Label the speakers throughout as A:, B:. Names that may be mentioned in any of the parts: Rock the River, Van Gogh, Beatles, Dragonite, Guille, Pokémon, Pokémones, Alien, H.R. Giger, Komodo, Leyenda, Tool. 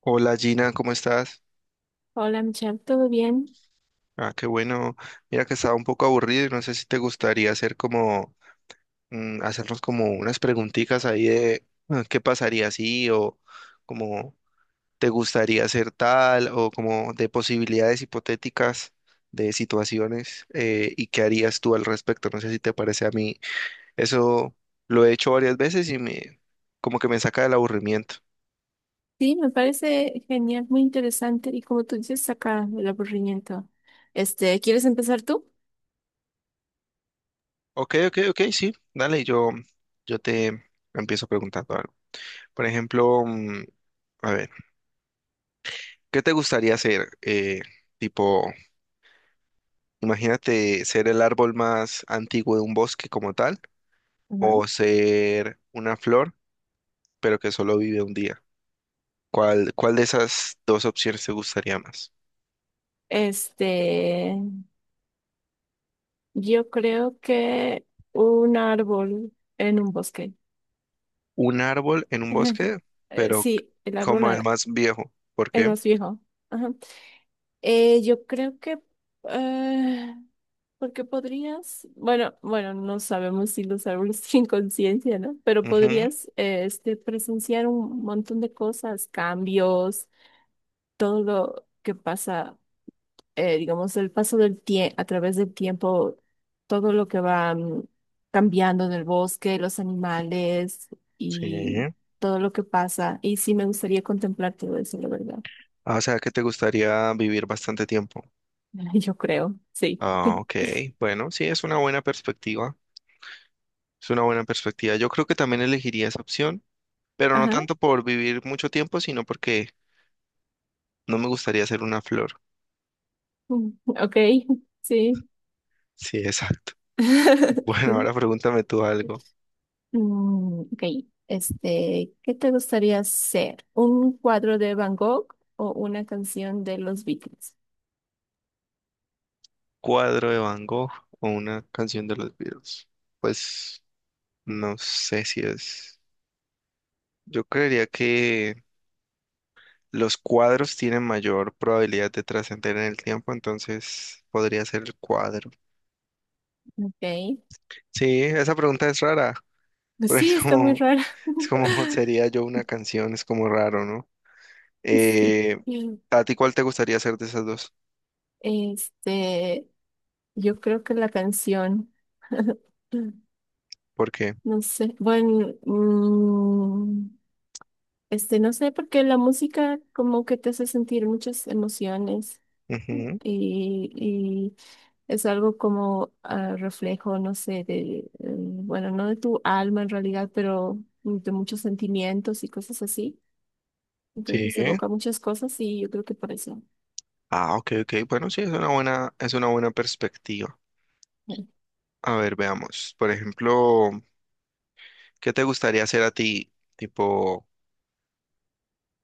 A: Hola Gina, ¿cómo estás?
B: Hola Michelle, ¿todo bien?
A: Ah, qué bueno. Mira que estaba un poco aburrido y no sé si te gustaría hacer hacernos como unas preguntitas ahí de qué pasaría si o como te gustaría hacer tal o como de posibilidades hipotéticas de situaciones y qué harías tú al respecto. No sé si te parece a mí. Eso lo he hecho varias veces y me como que me saca del aburrimiento.
B: Sí, me parece genial, muy interesante y como tú dices, saca el aburrimiento. Este, ¿quieres empezar tú?
A: Ok, ok, ok, sí. Dale, yo te empiezo preguntando. Por ejemplo, a ver, ¿qué te gustaría ser? Tipo, imagínate ser el árbol más antiguo de un bosque como tal,
B: Ajá.
A: o ser una flor, pero que solo vive un día. ¿ cuál de esas dos opciones te gustaría más?
B: Este, yo creo que un árbol en un bosque.
A: Un árbol en un bosque, pero
B: Sí, el árbol,
A: como el más viejo. ¿Por
B: el
A: qué?
B: más viejo. Ajá. Yo creo que... eh, porque podrías... Bueno, no sabemos si los árboles tienen conciencia, ¿no? Pero
A: Ujú,
B: podrías este, presenciar un montón de cosas, cambios, todo lo que pasa, digamos, el paso del tiempo, a través del tiempo, todo lo que va cambiando en el bosque, los animales y
A: sí.
B: todo lo que pasa. Y sí me gustaría contemplar todo eso, la verdad.
A: Ah, o sea, que te gustaría vivir bastante tiempo.
B: Yo creo, sí.
A: Ah, ok. Bueno, sí, es una buena perspectiva. Es una buena perspectiva. Yo creo que también elegiría esa opción, pero no
B: Ajá.
A: tanto por vivir mucho tiempo, sino porque no me gustaría ser una flor.
B: Mm, ok, sí.
A: Sí, exacto. Bueno,
B: Sí.
A: ahora pregúntame tú algo.
B: Ok, este, ¿qué te gustaría hacer? ¿Un cuadro de Van Gogh o una canción de los Beatles?
A: ¿Cuadro de Van Gogh o una canción de los Beatles? Pues no sé si es. Yo creería que los cuadros tienen mayor probabilidad de trascender en el tiempo, entonces podría ser el cuadro.
B: Ok,
A: Sí, esa pregunta es rara,
B: pues
A: porque
B: sí, está muy rara.
A: es como sería yo una canción, es como raro, ¿no?
B: Sí.
A: Eh, ¿A ti cuál te gustaría hacer de esas dos?
B: Este, yo creo que la canción,
A: ¿Por qué?
B: no sé, bueno, este, no sé, porque la música como que te hace sentir muchas emociones.
A: Ujú,
B: Y es algo como reflejo, no sé, de, bueno, no de tu alma en realidad, pero de muchos sentimientos y cosas así.
A: sí.
B: Entonces evoca muchas cosas y yo creo que por eso.
A: Ah, ok, ok. Bueno, sí, es una buena perspectiva.
B: Bueno.
A: A ver, veamos. Por ejemplo, ¿qué te gustaría hacer a ti? Tipo,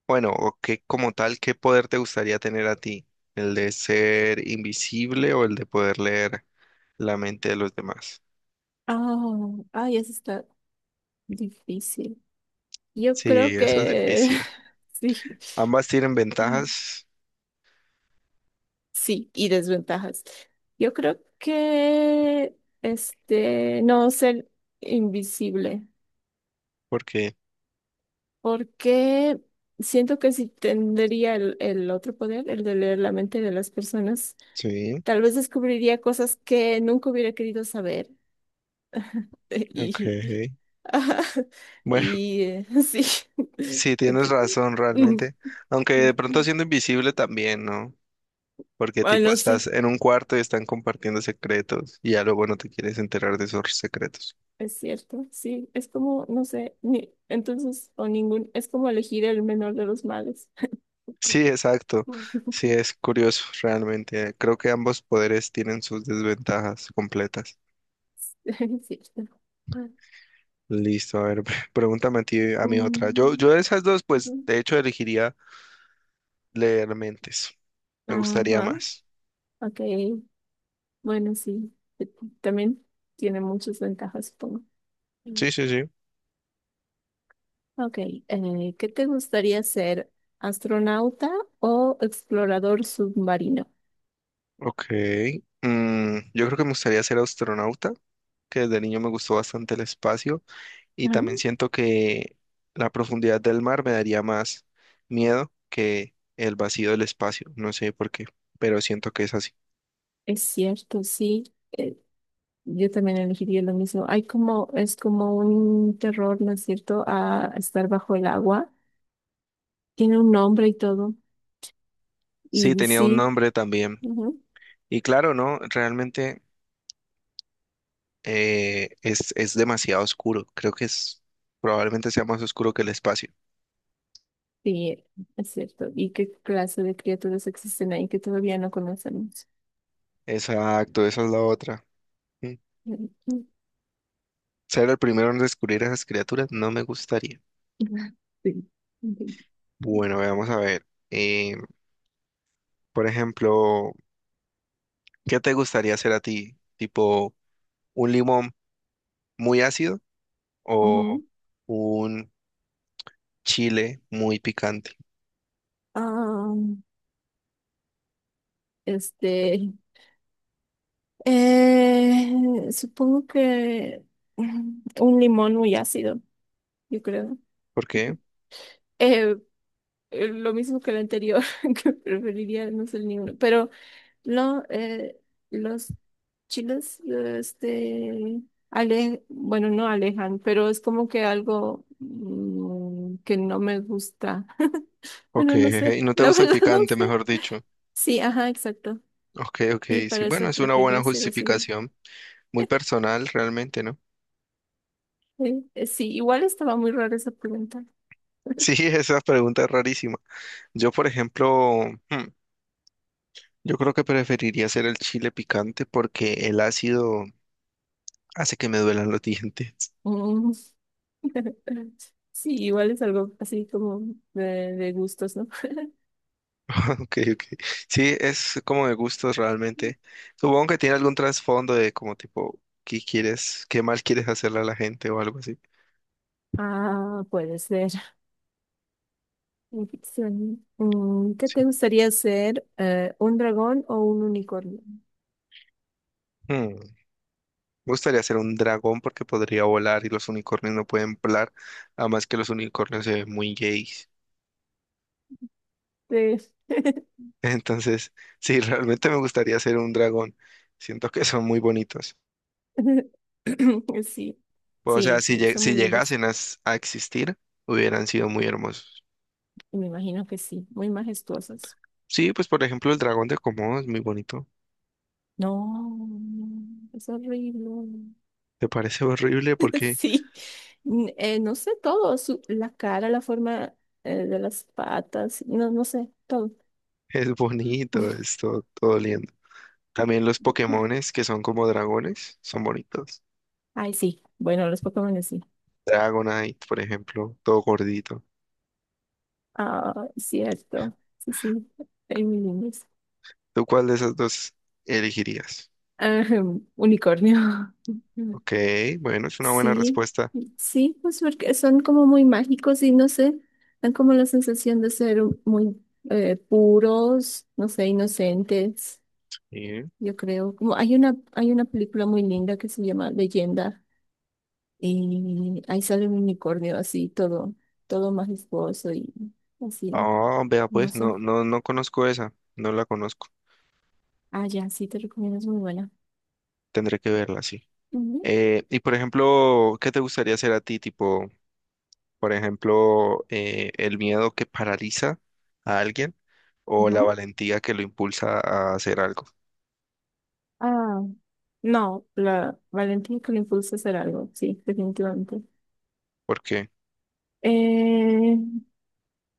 A: bueno, o qué como tal, ¿qué poder te gustaría tener a ti? ¿El de ser invisible o el de poder leer la mente de los demás?
B: Ah, ay, eso está difícil. Yo creo
A: Sí, eso es
B: que
A: difícil.
B: sí.
A: Ambas tienen
B: Ah,
A: ventajas
B: sí, y desventajas. Yo creo que este no ser invisible,
A: porque...
B: porque siento que si tendría el otro poder, el de leer la mente de las personas,
A: Sí,
B: tal vez descubriría cosas que nunca hubiera querido saber. Y,
A: ok.
B: ajá,
A: Bueno.
B: y sí.
A: Sí, tienes
B: Entonces,
A: razón
B: mm,
A: realmente. Aunque
B: mm,
A: de pronto
B: mm.
A: siendo invisible también, ¿no? Porque tipo
B: Bueno,
A: estás
B: sí.
A: en un cuarto y están compartiendo secretos y ya luego no te quieres enterar de esos secretos.
B: Es cierto, sí, es como, no sé, ni, entonces, o ningún, es como elegir el menor de los males.
A: Sí, exacto. Sí, es curioso realmente. Creo que ambos poderes tienen sus desventajas completas.
B: Es cierto.
A: Listo, a ver, pregúntame a ti, a mi otra.
B: Mm,
A: Yo de esas dos,
B: ok.
A: pues de hecho elegiría leer mentes. Me gustaría
B: Ajá,
A: más.
B: ok, bueno, sí, eh, también tiene muchas ventajas, supongo. Mm.
A: Sí, sí, sí.
B: Ok, ¿qué te gustaría ser? ¿Astronauta o explorador submarino?
A: Ok. Yo creo que me gustaría ser astronauta que desde niño me gustó bastante el espacio y también
B: Ah,
A: siento que la profundidad del mar me daría más miedo que el vacío del espacio, no sé por qué, pero siento que es así.
B: es cierto, sí. Eh, Yo también elegiría lo mismo. Hay como, es como un terror, ¿no es cierto?, a estar bajo el agua. Tiene un nombre y todo.
A: Sí,
B: Y
A: tenía un
B: sí,
A: nombre también.
B: ujú,
A: Y claro, ¿no? Realmente es demasiado oscuro, creo que es probablemente sea más oscuro que el espacio.
B: sí, es cierto. ¿Y qué clase de criaturas existen ahí que todavía no conocemos?
A: Exacto, esa es la otra. Mm.
B: Ujú.
A: Ser el primero en descubrir esas criaturas no me gustaría.
B: Sí.
A: Bueno, vamos a ver. Por ejemplo, ¿qué te gustaría hacer a ti? ¿Tipo un limón muy ácido o
B: Ujú.
A: un chile muy picante?
B: Ah, este, supongo que un limón muy ácido, yo creo.
A: ¿Por qué?
B: Eh, lo mismo que el anterior, que preferiría no ser ninguno. Pero no, los chiles, este, ale, bueno, no alejan, pero es como que algo que no me gusta.
A: Ok,
B: Bueno, no sé,
A: y no te
B: la
A: gusta el
B: verdad no
A: picante,
B: sé.
A: mejor dicho.
B: Sí, ajá, exacto.
A: Ok, ok,
B: Y
A: sí,
B: para
A: bueno,
B: eso
A: es una
B: preferiría
A: buena
B: ser así. ¿No?
A: justificación, muy personal realmente, ¿no?
B: Sí, igual estaba muy rara esa pregunta.
A: Sí, esa pregunta es rarísima. Yo, por ejemplo, yo creo que preferiría hacer el chile picante porque el ácido hace que me duelan los dientes.
B: Mm. Sí, igual es algo así como de gustos, ¿no?
A: Ok, ok. Sí, es como de gustos realmente. Supongo que tiene algún trasfondo de como tipo, ¿ qué mal quieres hacerle a la gente o algo así?
B: Ah, puede ser. Ficción. Mm, ¿qué te
A: Sí.
B: gustaría ser? ¿Un dragón o un unicornio?
A: Hmm, Me gustaría ser un dragón porque podría volar y los unicornios no pueden volar, además que los unicornios se ven muy gays.
B: Sí.
A: Entonces, sí, realmente me gustaría ser un dragón. Siento que son muy bonitos.
B: Sí,
A: O sea,
B: sí,
A: si,
B: sí,
A: lle-
B: son
A: si
B: muy lindos.
A: llegasen a, a existir, hubieran sido muy hermosos.
B: Y me imagino que sí, muy majestuosos.
A: Sí, pues por ejemplo, el dragón de Komodo es muy bonito.
B: No, no, es horrible.
A: ¿Te parece horrible? Porque
B: Sí, no sé todo, la cara, la forma de las patas, no, no sé, todo.
A: es bonito, todo lindo. También los Pokémones que son como dragones, son bonitos.
B: Ay, sí, bueno, los Pokémon sí.
A: Dragonite, por ejemplo, todo gordito.
B: Ah, cierto, sí, sí, hay muy lindos.
A: ¿Tú cuál de esas dos elegirías?
B: Ajá, unicornio.
A: Ok, bueno, es una buena
B: Sí,
A: respuesta.
B: sí, pues porque son como muy mágicos y no sé, dan como la sensación de ser muy puros, no sé, inocentes,
A: Sí.
B: yo creo. Como hay una película muy linda que se llama Leyenda y ahí sale un unicornio así, todo, todo majestuoso y así,
A: Ah, vea
B: no
A: pues,
B: sé.
A: no conozco esa, no la conozco.
B: Ah, ya, sí, te recomiendo, es muy buena.
A: Tendré que verla, sí.
B: Ujú,
A: Y por ejemplo, ¿qué te gustaría hacer a ti? Tipo, por ejemplo, el miedo que paraliza a alguien o la
B: ujú.
A: valentía que lo impulsa a hacer algo.
B: Ah, no, la valentía que le impulsa a hacer algo, sí, definitivamente.
A: Porque
B: Eh,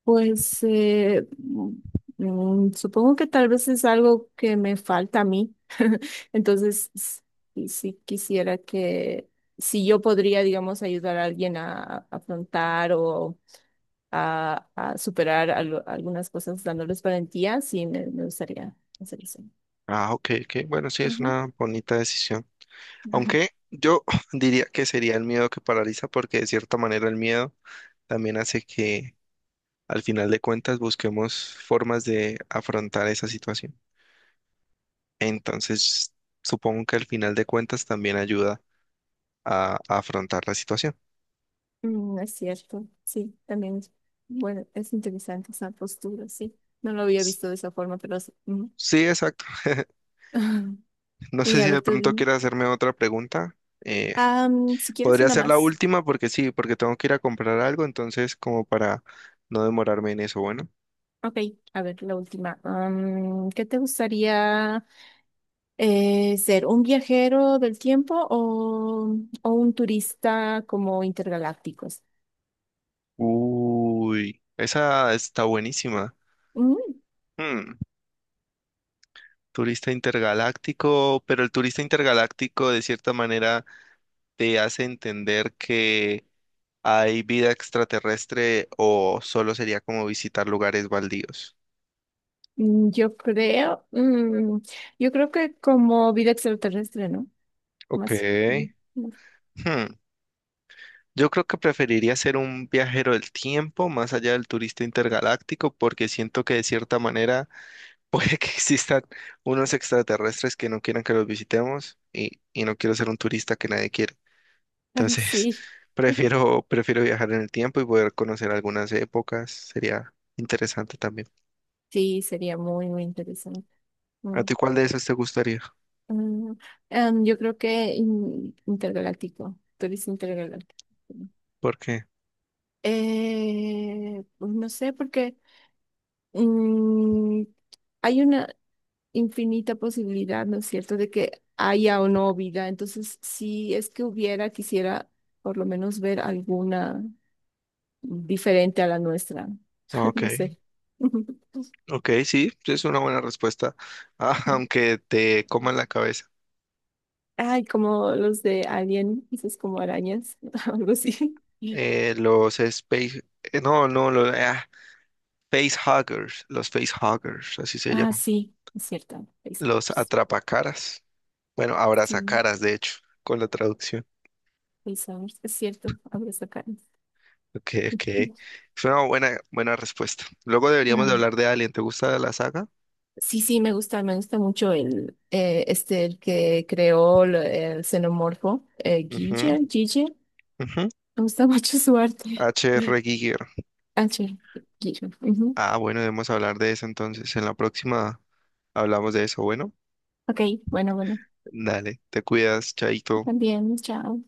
B: pues supongo que tal vez es algo que me falta a mí. Entonces, si, quisiera que, si yo podría, digamos, ayudar a alguien a afrontar o a superar algunas cosas dándoles valentía, sí, me gustaría hacer eso.
A: ah, ok, ok. Bueno, sí, es
B: Ujú.
A: una bonita decisión. Aunque yo diría que sería el miedo que paraliza, porque de cierta manera el miedo también hace que al final de cuentas busquemos formas de afrontar esa situación. Entonces, supongo que al final de cuentas también ayuda a afrontar la situación.
B: Mm, es cierto, sí, también, bueno, es interesante esa postura, sí. No lo había
A: S-
B: visto de esa forma, pero... sí. Ujú.
A: Sí, exacto. No
B: Y
A: sé
B: a
A: si
B: ver,
A: de
B: tú
A: pronto
B: dime.
A: quieres hacerme otra pregunta. Eh,
B: Am, si quieres
A: podría
B: una
A: ser la
B: más.
A: última porque sí, porque tengo que ir a comprar algo, entonces como para no demorarme en eso, bueno.
B: Ok, a ver, la última. Am, ¿qué te gustaría ser? ¿Un viajero del tiempo o un turista como intergalácticos?
A: Uy, esa está buenísima.
B: Mm,
A: Hmm, Turista intergaláctico, pero el turista intergaláctico de cierta manera te hace entender que hay vida extraterrestre o solo sería como visitar lugares baldíos.
B: yo creo, yo creo que como vida extraterrestre, ¿no?
A: Ok.
B: Más, más.
A: Hmm, Yo creo que preferiría ser un viajero del tiempo más allá del turista intergaláctico porque siento que de cierta manera puede que existan unos extraterrestres que no quieran que los visitemos y no quiero ser un turista que nadie quiere. Entonces,
B: Sí,
A: prefiero viajar en el tiempo y poder conocer algunas épocas. Sería interesante también.
B: sí, sería muy, muy interesante.
A: ¿A
B: Mm,
A: ti cuál de esas te gustaría?
B: mm, yo creo que intergaláctico, turista intergaláctico.
A: ¿Por qué?
B: Pues no sé, porque mm, hay una infinita posibilidad, ¿no es cierto?, de que haya o no vida. Entonces, si es que hubiera, quisiera por lo menos ver alguna diferente a la nuestra.
A: Ah,
B: No
A: ok,
B: sé.
A: ok, sí, sí es una buena respuesta. Ah, aunque te coman la cabeza.
B: Ay, como los de Alien, dices como arañas, algo así.
A: Los space, no, no, los ah, facehuggers, los facehuggers, así se
B: Ah,
A: llaman.
B: sí, es cierto. Face
A: Los atrapacaras. Bueno,
B: sí,
A: abrazacaras, de hecho, con la traducción.
B: face es cierto. Abro esa cara.
A: Ok, ok. Fue una buena respuesta. Luego deberíamos de hablar de Alien. ¿Te gusta la saga?
B: Sí, sí, me gusta mucho el, este, el que creó el xenomorfo,
A: Ujú,
B: Guille, Guille,
A: ujú.
B: me gusta mucho su arte.
A: H.R. Giger.
B: Ah, sí, Guille. Ujú.
A: Ah, bueno, debemos hablar de eso entonces. En la próxima hablamos de eso. Bueno,
B: Ok, bueno, bueno,
A: dale, te cuidas, chaito.
B: también, chao.